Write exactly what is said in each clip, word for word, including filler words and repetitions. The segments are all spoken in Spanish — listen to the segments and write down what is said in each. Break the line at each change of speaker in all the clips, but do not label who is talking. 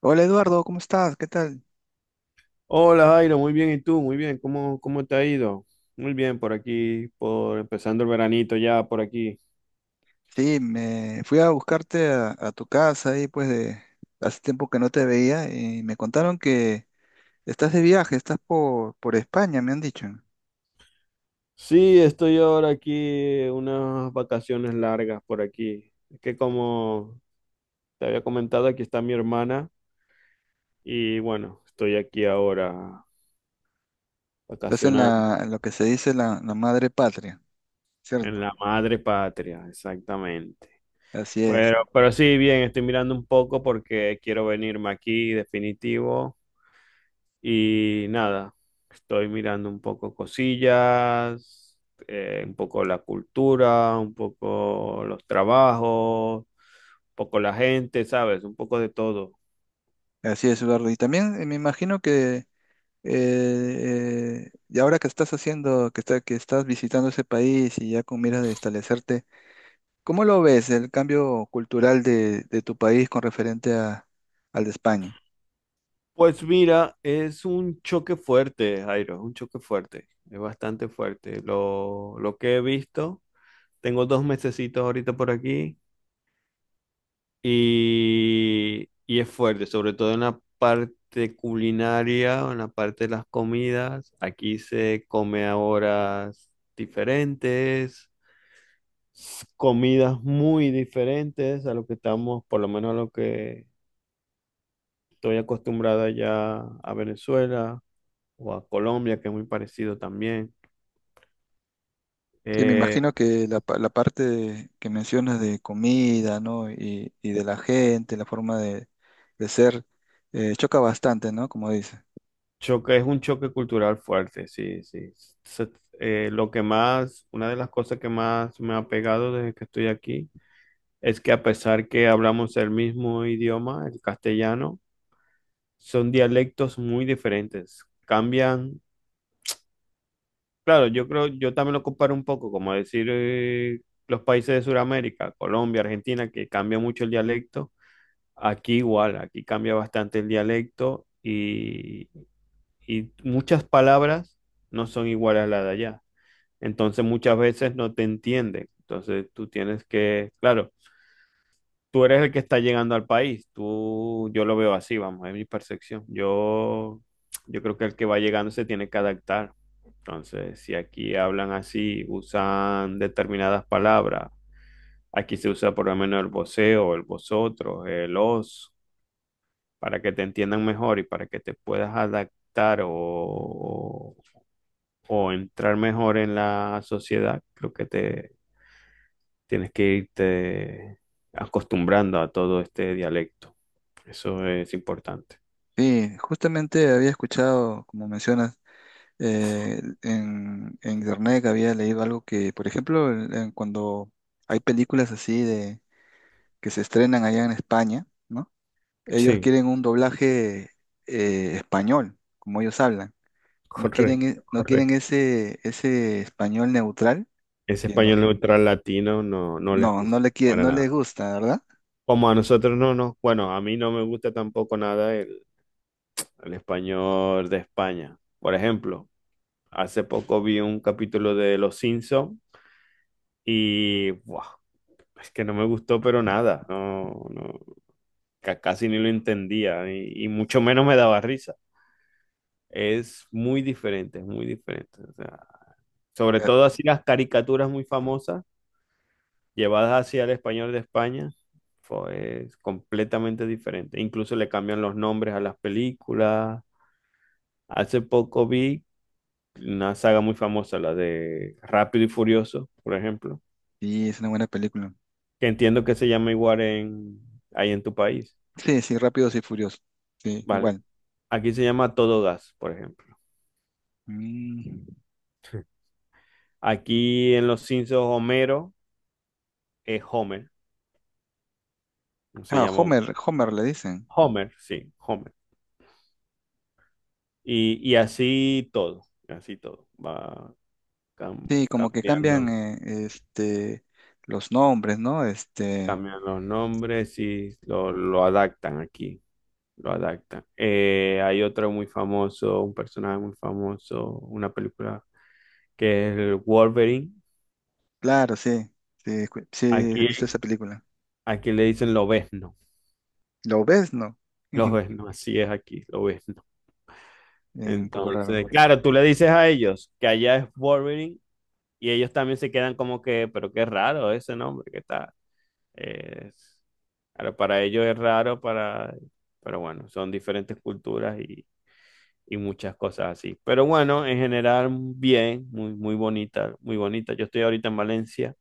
Hola Eduardo, ¿cómo estás? ¿Qué tal?
Hola Jairo, muy bien, ¿y tú? Muy bien, ¿cómo, cómo te ha ido? Muy bien, por aquí, por empezando el veranito ya por aquí.
Sí, me fui a buscarte a, a tu casa ahí pues de hace tiempo que no te veía y me contaron que estás de viaje, estás por, por España, me han dicho.
Sí, estoy ahora aquí, unas vacaciones largas por aquí. Es que como te había comentado, aquí está mi hermana y bueno, estoy aquí ahora
Estás en
vacacionando
la, en lo que se dice la, la madre patria,
en
¿cierto?
la madre patria, exactamente.
Así es,
Pero, pero sí, bien, estoy mirando un poco porque quiero venirme aquí, definitivo. Y nada, estoy mirando un poco cosillas, eh, un poco la cultura, un poco los trabajos, un poco la gente, ¿sabes? Un poco de todo.
así es Eduardo. Y también eh, me imagino que eh, eh, y ahora que estás haciendo, que, está, que estás visitando ese país y ya con miras de establecerte. ¿Cómo lo ves el cambio cultural de, de tu país con referente a- al de España?
Pues mira, es un choque fuerte, Jairo, es un choque fuerte, es bastante fuerte. Lo, lo que he visto, tengo dos mesecitos ahorita por aquí. Y, y es fuerte, sobre todo en la parte culinaria, en la parte de las comidas. Aquí se come a horas diferentes, comidas muy diferentes a lo que estamos, por lo menos a lo que estoy acostumbrada ya a Venezuela o a Colombia, que es muy parecido también.
Que me
Eh,
imagino que la, pa- la parte de- que mencionas de comida, ¿no? Y, y de la gente, la forma de, de ser, eh, choca bastante, ¿no? Como dices.
choque, es un choque cultural fuerte, sí, sí. Se- eh, lo que más, una de las cosas que más me ha pegado desde que estoy aquí es que a pesar que hablamos el mismo idioma, el castellano, son dialectos muy diferentes. Cambian, claro, yo creo, yo también lo comparo un poco, como decir eh, los países de Sudamérica, Colombia, Argentina, que cambia mucho el dialecto. Aquí igual, aquí cambia bastante el dialecto y, y muchas palabras no son iguales a las de allá. Entonces muchas veces no te entienden. Entonces tú tienes que, claro. Tú eres el que está llegando al país. Tú, yo lo veo así, vamos, es mi percepción. Yo, yo creo que el que va llegando se tiene que adaptar. Entonces, si aquí hablan así, usan determinadas palabras, aquí se usa por lo menos el voseo, el vosotros, el os, para que te entiendan mejor y para que te puedas adaptar o, o entrar mejor en la sociedad. Creo que te, tienes que irte acostumbrando a todo este dialecto. Eso es importante.
Sí, justamente había escuchado, como mencionas, eh, en, en internet que había leído algo que, por ejemplo, en- en cuando hay películas así de que se estrenan allá en España, ¿no? Ellos
Sí,
quieren un doblaje eh, español, como ellos hablan. No quieren,
correcto,
e- no quieren
correcto.
ese, ese español neutral
Ese
que no,
español neutral latino no, no les
no, no
gusta
le quiere,
para
no les
nada.
gusta, ¿verdad?
Como a nosotros no, no. Bueno, a mí no me gusta tampoco nada el, el español de España. Por ejemplo, hace poco vi un capítulo de Los Simpson y ¡buah! Es que no me gustó, pero nada. No, no, ca- casi ni lo entendía y y mucho menos me daba risa. Es muy diferente, es muy diferente. O sea, sobre
Eh,
todo así las caricaturas muy famosas llevadas hacia el español de España, fue- es completamente diferente. Incluso le cambian los nombres a las películas. Hace poco vi una saga muy famosa, la de Rápido y Furioso, por ejemplo,
Sí, es una buena película.
que entiendo que se llama igual en, ahí en tu país.
Sí, sí, Rápidos y Furiosos. Sí,
Vale,
igual.
aquí se llama Todo Gas, por ejemplo.
Mm.
Aquí en Los Simpsons, Homero es Homer, no se
Ah,
llama Homero.
Homer, Homer le dicen.
Homer, sí, Homer. Y, y así todo, así todo. Va cam-
Sí, como que cambian
cambiando,
eh, este, los nombres, ¿no? Este,
cambian los nombres y lo, lo adaptan aquí, lo adaptan. Eh, hay otro muy famoso, un personaje muy famoso, una película que es el Wolverine.
claro, sí, sí, escu- sí, he visto
Aquí,
esa película.
aquí le dicen lobezno,
¿Lo ves? No.
lobezno, así es aquí, lobezno.
Eh, un poco raro.
Entonces, claro, tú le dices a ellos que allá es Wolverine y ellos también se quedan como que, pero qué raro ese nombre que está. Es, claro, para ellos es raro, para, pero bueno, son diferentes culturas y, y muchas cosas así. Pero bueno, en general, bien, muy, muy bonita, muy bonita. Yo estoy ahorita en Valencia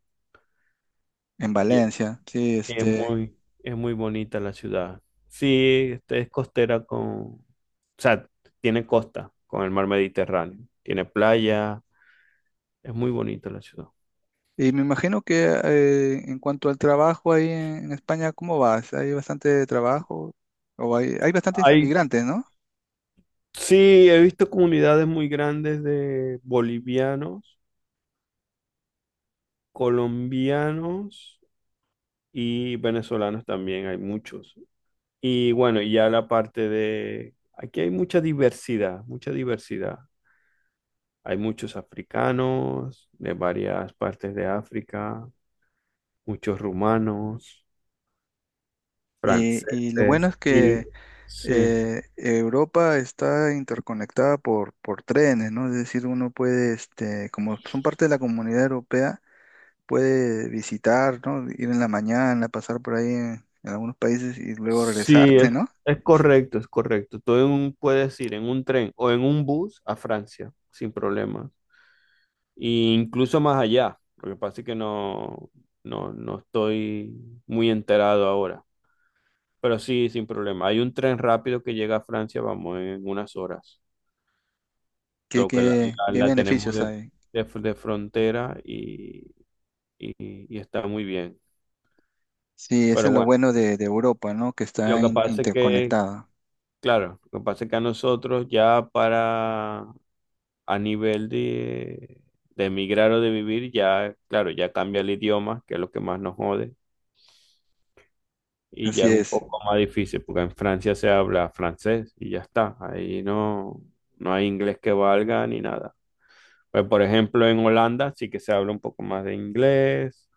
En
y es
Valencia, sí,
es
este.
muy, es muy bonita la ciudad. Sí, este es costera con, o sea, tiene costa con el mar Mediterráneo, tiene playa, es muy bonita la ciudad.
Y me imagino que eh, en cuanto al trabajo ahí en, en España, ¿cómo vas? ¿Hay bastante trabajo? O hay, hay bastantes
Hay,
inmigrantes, ¿no?
sí, he visto comunidades muy grandes de bolivianos, colombianos y venezolanos también hay muchos. Y bueno, y ya la parte de, aquí hay mucha diversidad, mucha diversidad. Hay muchos africanos de varias partes de África, muchos rumanos,
Y, y lo bueno
franceses
es
y
que
sí,
eh, Europa está interconectada por, por trenes, ¿no? Es decir, uno puede, este, como son parte de la comunidad europea, puede visitar, ¿no? Ir en la mañana, pasar por ahí en, en algunos países y luego
sí,
regresarte,
es,
¿no?
es correcto, es correcto. Tú en un- puedes ir en un tren o en un bus a Francia sin problema, e incluso más allá. Lo que pasa es que no, no, no estoy muy enterado ahora. Pero sí, sin problema. Hay un tren rápido que llega a Francia, vamos, en unas horas.
¿Qué,
Creo que la,
qué,
la-
qué
la tenemos
beneficios
de,
hay?
de- de frontera y, y- y está muy bien.
Sí, eso
Pero
es lo
bueno,
bueno de, de Europa, ¿no? Que
lo
está
que
in-
pasa es que,
interconectada.
claro, lo que pasa es que a nosotros ya para, a nivel de, de emigrar o de vivir, ya, claro, ya cambia el idioma, que es lo que más nos jode y ya
Así
es un
es,
poco más difícil porque en Francia se habla francés y ya está. Ahí no, no hay inglés que valga ni nada. Pues por ejemplo en Holanda sí que se habla un poco más de inglés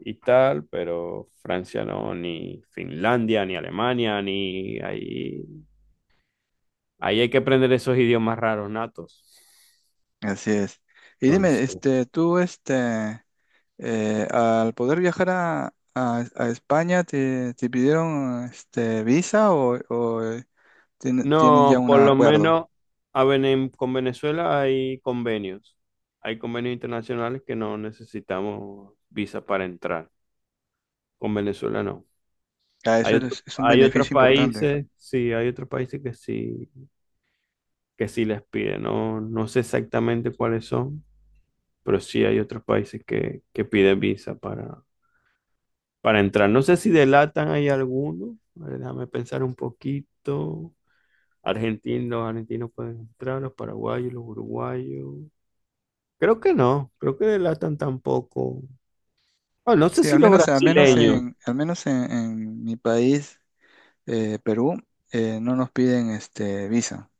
y tal, pero Francia no, ni Finlandia, ni Alemania, ni ahí, ahí hay que aprender esos idiomas raros natos.
así es. Y dime,
Entonces, sí,
este, tú, este, eh, al poder viajar a, a- a España, ¿te, te pidieron, este, visa o, o, eh, tiene- tienen
no,
ya
sí,
un
por lo claro.
acuerdo?
Menos a Vene- con Venezuela hay convenios. Hay convenios internacionales que no necesitamos visa para entrar. Con Venezuela no.
Ah,
Hay
eso
otro-
es, es un
hay otros
beneficio importante.
países, sí, hay otros países que sí, que sí les piden. No, no sé exactamente cuáles son, pero sí hay otros países que, que piden visa para, para entrar. No sé si delatan hay alguno. A ver, déjame pensar un poquito. Argentinos, los argentinos pueden entrar, los paraguayos, los uruguayos. Creo que no, creo que delatan tampoco. Ah, no sé
Sí,
si
al
los
menos, al menos
brasileños,
en, al menos en, en mi país, eh, Perú, eh, no nos piden, este, visa.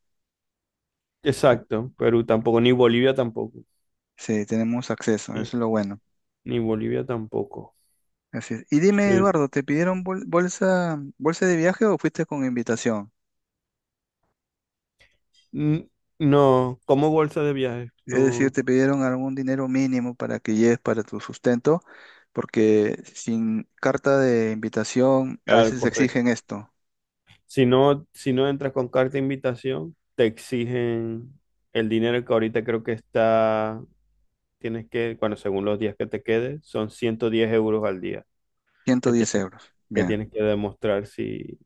Eh,
exacto, Perú tampoco, ni Bolivia tampoco.
Sí, tenemos acceso, eso es
Sí,
lo bueno.
ni Bolivia tampoco.
Así es. Y dime,
Sí,
Eduardo, ¿te pidieron bol- bolsa, bolsa de viaje o fuiste con invitación?
N- no, como bolsa de viaje,
Es decir,
no.
¿te pidieron algún dinero mínimo para que lleves para tu sustento? Porque sin carta de invitación a
Claro,
veces
correcto.
exigen esto,
Si no, si no entras con carta de invitación, te exigen el dinero que ahorita creo que está, tienes que, bueno, según los días que te quedes, son ciento diez euros al día que
110
tienes
euros.
que,
Bien,
tienes que demostrar si,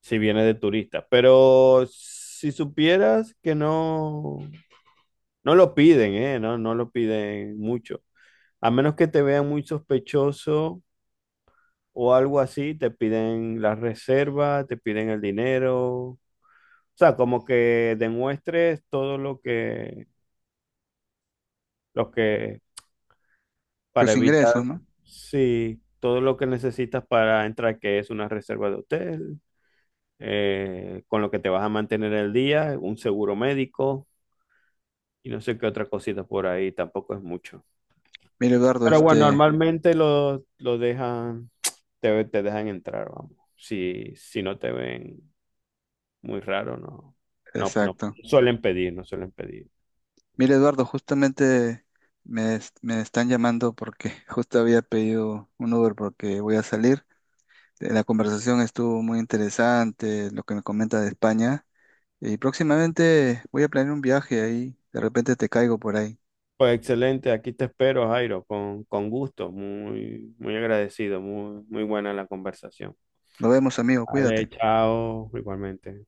si vienes de turista. Pero si supieras que no, no lo piden, ¿eh? No, no lo piden mucho. A menos que te vean muy sospechoso o algo así, te piden la reserva, te piden el dinero. O sea, como que demuestres todo lo que, lo que, para
tus ingresos,
evitar,
¿no?
sí, todo lo que necesitas para entrar, que es una reserva de hotel, eh, con lo que te vas a mantener el día, un seguro médico y no sé qué otra cosita por ahí, tampoco es mucho.
Mira, Eduardo,
Pero bueno,
este,
normalmente lo, lo dejan, te, te dejan entrar, vamos, si, si no te ven. Muy raro, no. No, no
exacto.
suelen pedir, no suelen pedir.
Mira, Eduardo, justamente me, es- me están llamando porque justo había pedido un Uber porque voy a salir. La conversación estuvo muy interesante, lo que me comenta de España. Y próximamente voy a planear un viaje ahí. De repente te caigo por ahí.
Pues excelente, aquí te espero, Jairo, con, con gusto. Muy, muy agradecido, muy, muy buena la conversación.
Nos vemos, amigo.
Vale,
Cuídate.
chao, igualmente.